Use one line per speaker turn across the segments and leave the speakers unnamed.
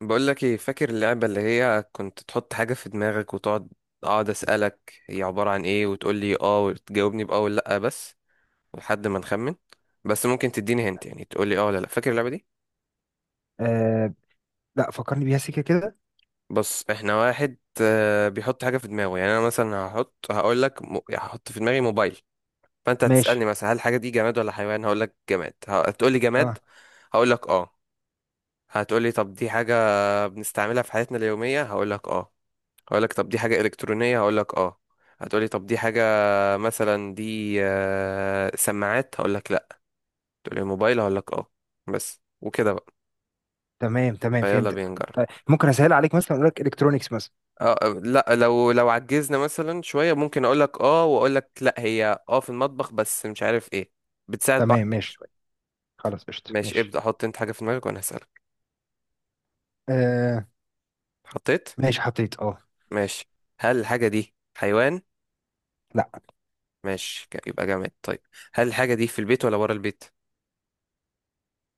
بقول لك ايه؟ فاكر اللعبة اللي هي كنت تحط حاجة في دماغك وتقعد اقعد اسألك هي عبارة عن ايه، وتقول لي اه، وتجاوبني باه ولا لا، بس لحد ما نخمن؟ بس ممكن تديني هنت، يعني تقول لي اه ولا لا. فاكر اللعبة دي؟
آه. لا، فكرني بيها سيكه كده.
بص، احنا واحد بيحط حاجة في دماغه، يعني انا مثلا هقول لك يعني هحط في دماغي موبايل. فانت
ماشي.
هتسألني مثلا هل الحاجة دي جماد ولا حيوان؟ هقول لك جماد. هتقول لي جماد؟
اه.
هقول لك اه. هتقول لي طب دي حاجة بنستعملها في حياتنا اليومية؟ هقول لك اه. هقول لك طب دي حاجة إلكترونية؟ هقول لك اه. هتقولي طب دي حاجة مثلا دي سماعات؟ هقول لك لا. تقولي موبايل؟ هقول لك اه. بس وكده بقى.
تمام تمام،
فيلا بينا
فهمتك.
نجرب.
طيب ممكن اسهل عليك، مثلا اقول لك الكترونكس مثلا.
اه لا، لو عجزنا مثلا شوية ممكن اقول لك اه، واقول لك لا، هي في المطبخ بس مش عارف ايه، بتساعد بعض
تمام،
يعني
ماشي.
شوية.
خلاص، قشطه،
ماشي،
ماشي.
ابدأ. حط انت حاجة في دماغك وانا هسألك.
آه.
حطيت؟
ماشي، حطيت. اه.
ماشي. هل الحاجة دي حيوان؟
لا.
ماشي، يبقى جامد. طيب، هل الحاجة دي في البيت ولا بره البيت؟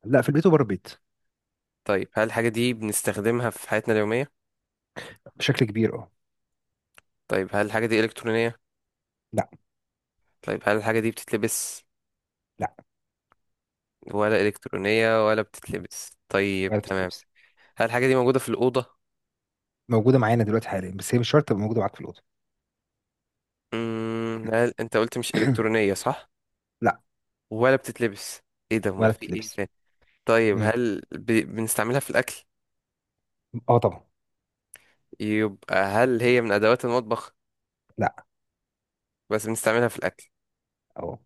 لا، في البيت وبره البيت.
طيب، هل الحاجة دي بنستخدمها في حياتنا اليومية؟
بشكل كبير، اه.
طيب، هل الحاجة دي إلكترونية؟
لا.
طيب، هل الحاجة دي بتتلبس؟
لا،
ولا إلكترونية ولا بتتلبس،
ولا
طيب تمام.
بتتلبس.
هل الحاجة دي موجودة في الأوضة؟
موجوده معانا دلوقتي حاليا، بس هي مش شرط تبقى موجوده معاك في الاوضه.
هل أنت قلت مش إلكترونية، صح؟
لا.
ولا بتتلبس؟ إيه ده؟ أمال
ولا
في إيه
بتتلبس.
تاني؟ طيب،
مم.
بنستعملها في الأكل؟
اه طبعا.
يبقى هل هي من أدوات المطبخ؟
لا.
بس بنستعملها في الأكل.
اه.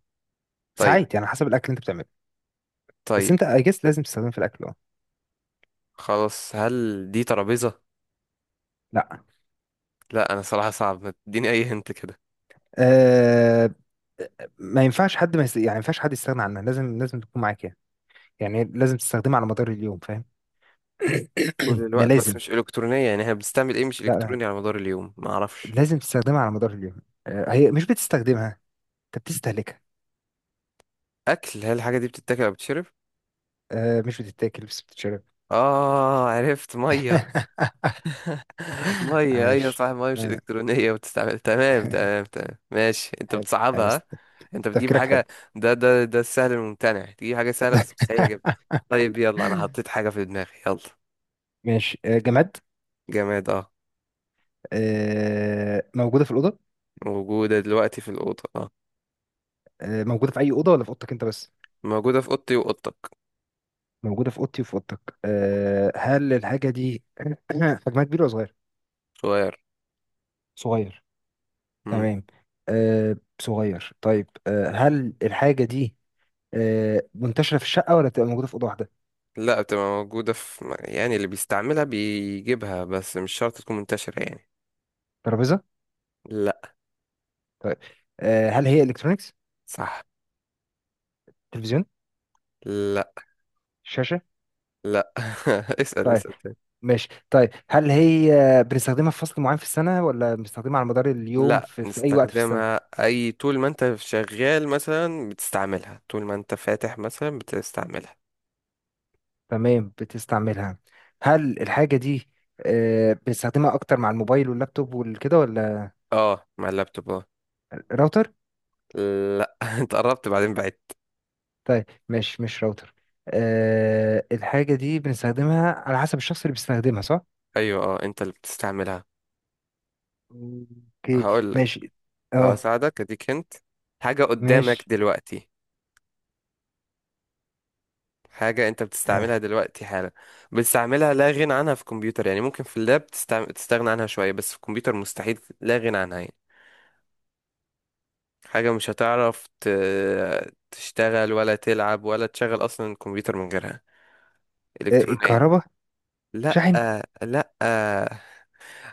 طيب.
ساعات يعني، حسب الاكل اللي انت بتعمله. بس
طيب
انت اجس لازم تستخدمه في الاكل، اه.
خلاص، هل دي ترابيزة؟
لا.
لا، أنا صراحة صعب ما تديني أي هنت كده.
آه. ما ينفعش حد ما يست... يعني ما ينفعش حد يستغنى عنها، لازم لازم تكون معاك يعني. يعني لازم تستخدمها على مدار اليوم، فاهم؟
طول
ده
الوقت بس
لازم.
مش إلكترونية، يعني احنا بنستعمل إيه مش
لا.
إلكتروني على مدار اليوم؟ ما أعرفش.
لازم تستخدمها على مدار اليوم. هي مش بتستخدمها. انت بتستهلكها.
اكل؟ هل الحاجه دي بتتاكل او بتشرب؟
مش بتتاكل بس بتتشرب.
اه، عرفت. ميه؟ ميه، ايوه
عاش.
صح، ميه، مش
آه،
الكترونيه، بتستعمل، تمام تمام تمام، ماشي. انت
حلو. حلو،
بتصعبها،
بس...
ها؟ انت بتجيب
تفكيرك حلو.
حاجه، ده السهل الممتنع، تجيب حاجه سهله بس مستحيل اجيبها. طيب يلا، انا حطيت حاجه في دماغي، يلا.
ماشي. جماد.
جماد، اه.
موجودة في الأوضة.
موجوده دلوقتي في الاوضه، اه.
موجودة في أي أوضة ولا في أوضتك أنت بس؟
موجوده في اوضتي واوضتك.
موجودة في أوضتي وفي أوضتك. هل الحاجة دي حجمها كبير ولا صغير؟
صغير.
صغير.
امم.
تمام. أه صغير طيب. هل الحاجة دي منتشرة في الشقة ولا بتبقى موجودة في أوضة واحدة؟
لا، بتبقى موجوده في، يعني اللي بيستعملها بيجيبها بس مش شرط تكون منتشره يعني.
ترابيزة؟
لا.
طيب. هل هي إلكترونيكس؟
صح.
تلفزيون؟
لا،
شاشة؟
لا. اسأل
طيب.
اسأل تاني.
ماشي. طيب، هل هي بنستخدمها في فصل معين في السنة ولا بنستخدمها على مدار اليوم
لا،
في أي وقت في السنة؟
نستخدمها اي طول ما انت شغال مثلا بتستعملها، طول ما انت فاتح مثلا بتستعملها.
تمام، بتستعملها. هل الحاجة دي بنستخدمها أكتر مع الموبايل واللابتوب والكده ولا؟
اه، مع اللابتوب، اه.
راوتر؟
لا. انت قربت بعدين بعدت.
طيب، مش راوتر. الحاجة دي بنستخدمها على حسب الشخص اللي بيستخدمها، صح؟
ايوه اه، انت اللي بتستعملها.
اوكي.
هقول لك.
ماشي. اه.
هساعدك، اديك انت حاجة قدامك
ماشي.
دلوقتي، حاجة انت بتستعملها
آه.
دلوقتي حالا، بتستعملها لا غنى عنها في الكمبيوتر، يعني ممكن في اللاب تستغنى عنها شوية، بس في الكمبيوتر مستحيل لا غنى عنها يعني. حاجة مش هتعرف تشتغل ولا تلعب ولا تشغل أصلا الكمبيوتر من غيرها.
إيه،
إلكترونية.
الكهرباء.
لأ.
شاحن.
لأ.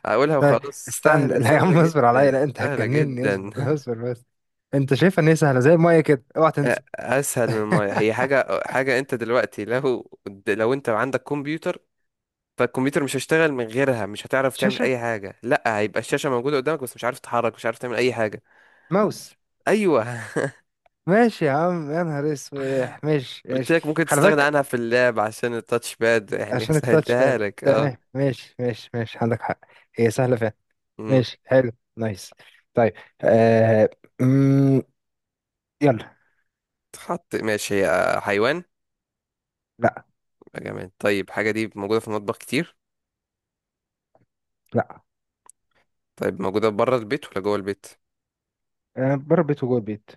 أقولها
طيب.
وخلاص.
استنى.
سهلة،
لا يا
سهلة
عم، اصبر عليا.
جدا،
لا انت
سهلة
هتجنني،
جدا.
اصبر اصبر بس. انت شايفها ان هي سهلة زي المية كده، اوعى تنسى.
أسهل من ما هي حاجة. حاجة أنت دلوقتي، لو أنت عندك كمبيوتر، فالكمبيوتر مش هيشتغل من غيرها، مش هتعرف تعمل
شاشة.
أي حاجة، لأ هيبقى الشاشة موجودة قدامك بس مش عارف تتحرك، مش عارف تعمل أي حاجة.
ماوس.
أيوه.
ماشي يا عم، يا نهار اسوح، ماشي
قلت
ماشي.
لك ممكن
خلي
تستغنى
بالك.
عنها في اللعب عشان التاتش باد يعني.
عشان التاتش
سهلتها
باد.
لك، اه.
تمام، ماشي ماشي ماشي، عندك حق. هي سهلة فعلا. ماشي، حلو. نايس. طيب. آه... مم... يلا.
تحط؟ ماشي. هي حيوان؟
لا.
يبقى جماد، طيب. حاجة دي موجودة في المطبخ كتير؟
لا.
طيب، موجودة بره البيت ولا جوه البيت؟
بره البيت وجوه البيت.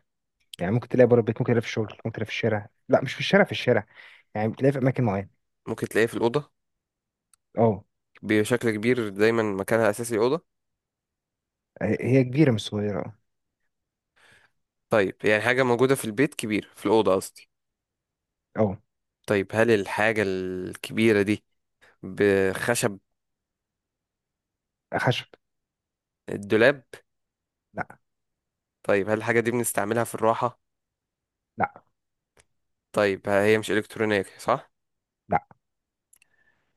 يعني ممكن تلاقي بره البيت، ممكن تلاقي في الشغل، ممكن تلاقي في الشارع، لا مش في الشارع في الشارع. يعني بتلاقي في اماكن معينه.
ممكن تلاقيها في الأوضة
اه.
بشكل كبير؟ دايما مكانها أساسي الأوضة.
هي كبيره مش صغيره.
طيب، يعني حاجة موجودة في البيت كبير، في الأوضة قصدي.
اه.
طيب، هل الحاجة الكبيرة دي بخشب؟
خشب.
الدولاب؟
لا.
طيب، هل الحاجة دي بنستعملها في الراحة؟
لا.
طيب، هي مش إلكترونية، صح؟
لا.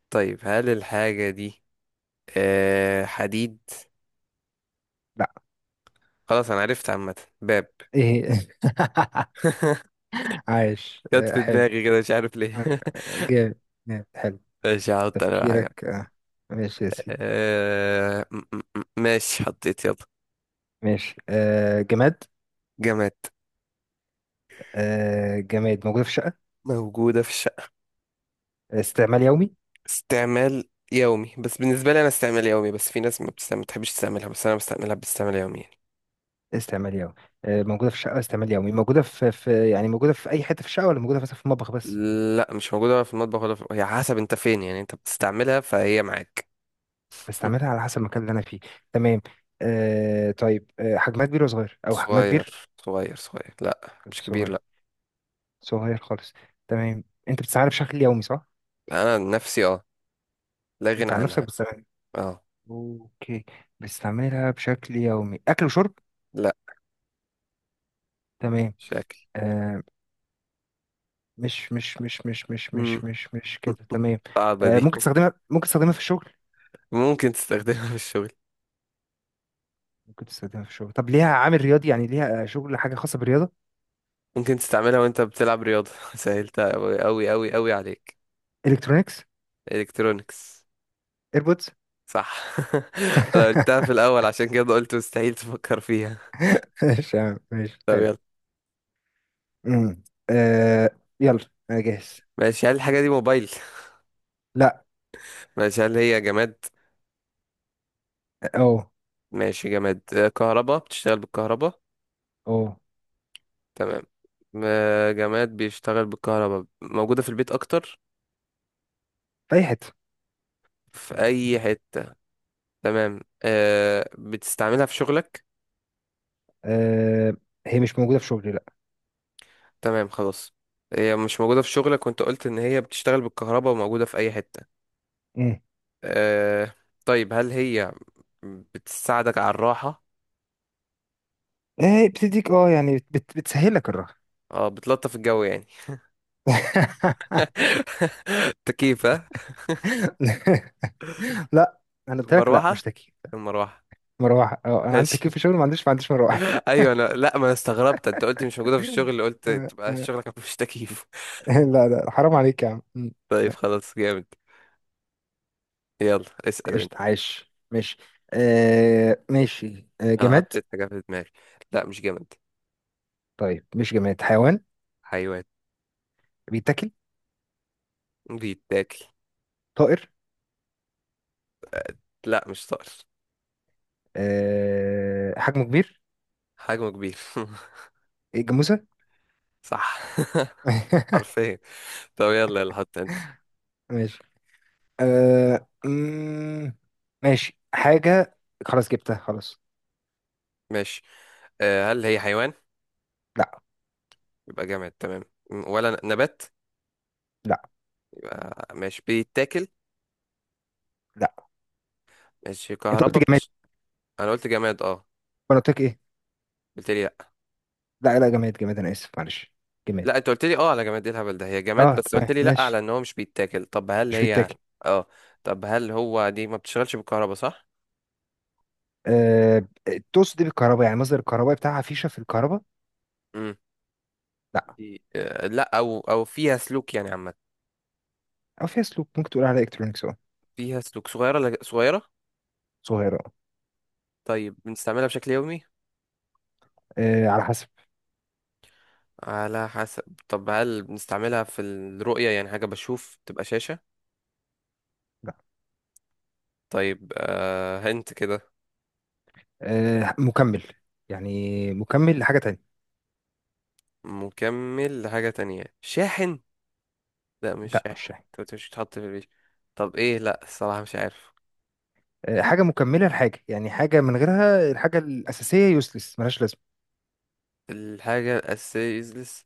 طيب، هل الحاجة دي حديد؟
لا.
خلاص أنا عرفت، عامة، باب.
ايه. عايش.
جت في
حلو.
دماغي كده مش عارف
آه...
ليه.
جامد. جامد. حلو.
ماشي، هحط انا بقى حاجة.
تفكيرك. ماشي يا سيدي.
ماشي، حطيت، يلا.
ماشي. جماد.
جماد
جماد، موجوده في شقه.
موجودة في الشقة،
استعمال يومي.
استعمال يومي، بس بالنسبة لي انا استعمال يومي، بس في ناس ما بتستعمل، ما بتحبش تستعملها، بس انا بستعملها باستعمال يومي يعني.
استعمال يومي. موجودة في الشقة، استعمال يومي، موجودة في يعني موجودة في أي حتة في الشقة ولا موجودة مثلا في المطبخ بس؟
لا مش موجودة ولا في المطبخ، ولا هي حسب انت فين، يعني انت بتستعملها فهي معاك.
بستعملها على حسب المكان اللي أنا فيه. تمام. طيب. حجمها كبير ولا صغير، أو حجمها كبير؟
صغير صغير صغير، لا مش كبير،
صغير،
لا.
صغير خالص. تمام، أنت بتستعملها بشكل يومي صح؟
انا عن نفسي، اه، لا غنى
أنت عن نفسك
عنها.
بتستعملها.
اه.
أوكي. بستعملها بشكل يومي، أكل وشرب؟
لا.
تمام.
شكل.
آه. مش مش مش مش مش
مم.
مش مش مش كده، تمام.
صعبة دي.
ممكن تستخدمها في الشغل.
ممكن تستخدمها في الشغل.
ممكن تستخدمها في الشغل. طب ليها عامل رياضي، يعني ليها شغل، حاجة خاصة بالرياضة؟
ممكن تستعملها وانت بتلعب رياضة. سهلتها أوي أوي أوي أوي عليك.
الكترونيكس.
الكترونكس.
ايربودز.
صح. انا قلتها في الاول عشان كده قلت مستحيل تفكر فيها.
ماشي يا عم، ماشي،
طب
حلو.
يلا.
أمم. آه. يلا. انا جاهز.
ماشي، هل الحاجة دي موبايل؟
لا.
ماشي، هل هي جماد؟
اه.
ماشي، جماد. كهربا، بتشتغل بالكهربا؟
اه.
تمام. جماد بيشتغل بالكهربا، موجودة في البيت اكتر،
في اي حته.
في اي حتة. تمام. بتستعملها في شغلك؟
آه هي مش موجوده في شغلي، لا.
تمام خلاص. هي مش موجودة في شغلك، وانت قلت ان هي بتشتغل بالكهربا وموجودة في اي حتة.
أمم.
آه طيب، هل هي بتساعدك على الراحة؟
آه. بتديك اه يعني بتسهل لك الراحه.
اه، بتلطف الجو يعني. تكييف، ها؟
لا. انا قلت لك لا،
مروحة،
مش تكييف.
المروحة.
مروحه، اه انا عندي تكييف
ماشي.
في شغلي، ما عنديش مروحه.
ايوه انا، لا، ما انا استغربت، انت قلت مش موجودة في الشغل، قلت
آه،
تبقى
آه.
شغلك مفيش تكييف.
لا لا، حرام عليك يا عم. أمم.
طيب
لا،
خلاص، جامد. يلا اسأل
قشطة،
انت.
عايش، ماشي. ماشي.
انا
جماد.
حطيت حاجة في دماغي. لا مش جامد.
طيب مش جماد، حيوان؟
حيوان.
بيتاكل؟
بيتاكل.
طائر؟
لا مش طائر.
حجمه كبير؟
حجمه كبير.
إيه، جاموسة؟
صح. حرفيا. طب يلا يلا، حط انت.
ماشي. أه مم، ماشي، حاجة. خلاص جبتها، خلاص.
ماشي، هل هي حيوان؟
لا.
يبقى جامد تمام. ولا نبات؟
لا.
يبقى ماشي، بيتاكل؟
لا.
ماشي،
انت قلت
كهربا
جماد.
انا قلت جماد، اه.
وانا قلت لك ايه؟
قلت لي لا.
لا لا، جماد جماد، انا اسف معلش. جماد.
لا، انت قلت لي اه على جماد، ايه الهبل ده، هي جماد،
اه،
بس قلت
تمام،
لي لا على
ماشي.
ان هو مش بيتاكل. طب هل
مش
هي
بيتاكل.
اه طب هل هو دي ما بتشتغلش بالكهرباء، صح؟
أه تقصد ايه بالكهرباء؟ يعني مصدر الكهرباء بتاعها، فيشة في الكهرباء؟
امم.
لا.
دي لا، او فيها سلوك يعني عامه.
او فيها سلوك، ممكن تقول عليها الكترونكس اه.
فيها سلوك؟ صغيره، لا، صغيره.
صغيرة.
طيب، بنستعملها بشكل يومي؟
اه. على حسب.
على حسب. طب هل بنستعملها في الرؤية، يعني حاجة بشوف تبقى شاشة؟
لا.
طيب، هنت كده.
مكمل. يعني مكمل لحاجة تانية.
مكمل لحاجة تانية، شاحن؟ لا مش
لا مش
شاحن،
شاي.
انت قلت مش بتحط في البيت. طب ايه؟ لا، الصراحة مش عارف.
حاجة مكملة لحاجة، يعني حاجة من غيرها الحاجة الأساسية يوسلس، ملهاش لازمة.
الحاجة الأساسية useless.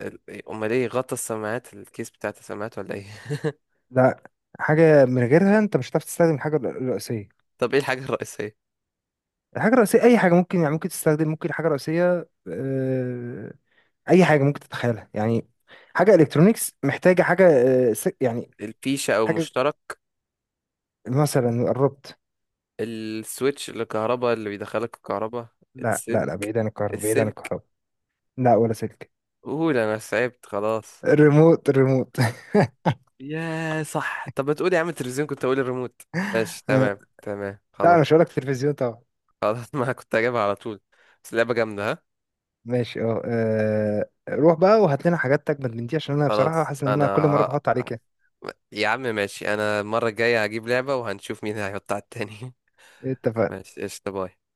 إيه، أمال ايه، غطا السماعات، الكيس بتاعت السماعات، ولا ايه؟
لا. حاجة من غيرها أنت مش هتعرف تستخدم الحاجة الرئيسية.
طب ايه الحاجة الرئيسية؟
الحاجة الرئيسية أي حاجة ممكن، يعني ممكن تستخدم، ممكن حاجة رئيسية. أي حاجة ممكن تتخيلها يعني. حاجة إلكترونيكس محتاجة حاجة. يعني.
الفيشة أو
حاجة،
مشترك؟
مثلا قربت.
السويتش، الكهرباء اللي بيدخلك الكهرباء؟
لا لا لا،
السلك.
بعيد عن الكهرباء، بعيد عن
السلك؟
الكهرباء. لا، ولا سلك.
قول، أنا تعبت خلاص.
الريموت، الريموت.
يا صح، طب ما تقول يا عم التلفزيون، كنت أقول الريموت. ماشي، تمام تمام
لا
خلاص
أنا مش هقولك تلفزيون طبعا.
خلاص. ما كنت هجيبها على طول. بس لعبة جامدة، ها.
ماشي، اه. روح بقى وهات لنا حاجات تجمد من دي، عشان انا بصراحة
خلاص
حاسس ان
انا
انا كل مرة بحط
ه-
عليك يعني.
يا عم ماشي، انا المرة الجاية هجيب لعبة، وهنشوف مين هيحط على التاني.
اتفقنا.
ماشي قشطة، باي.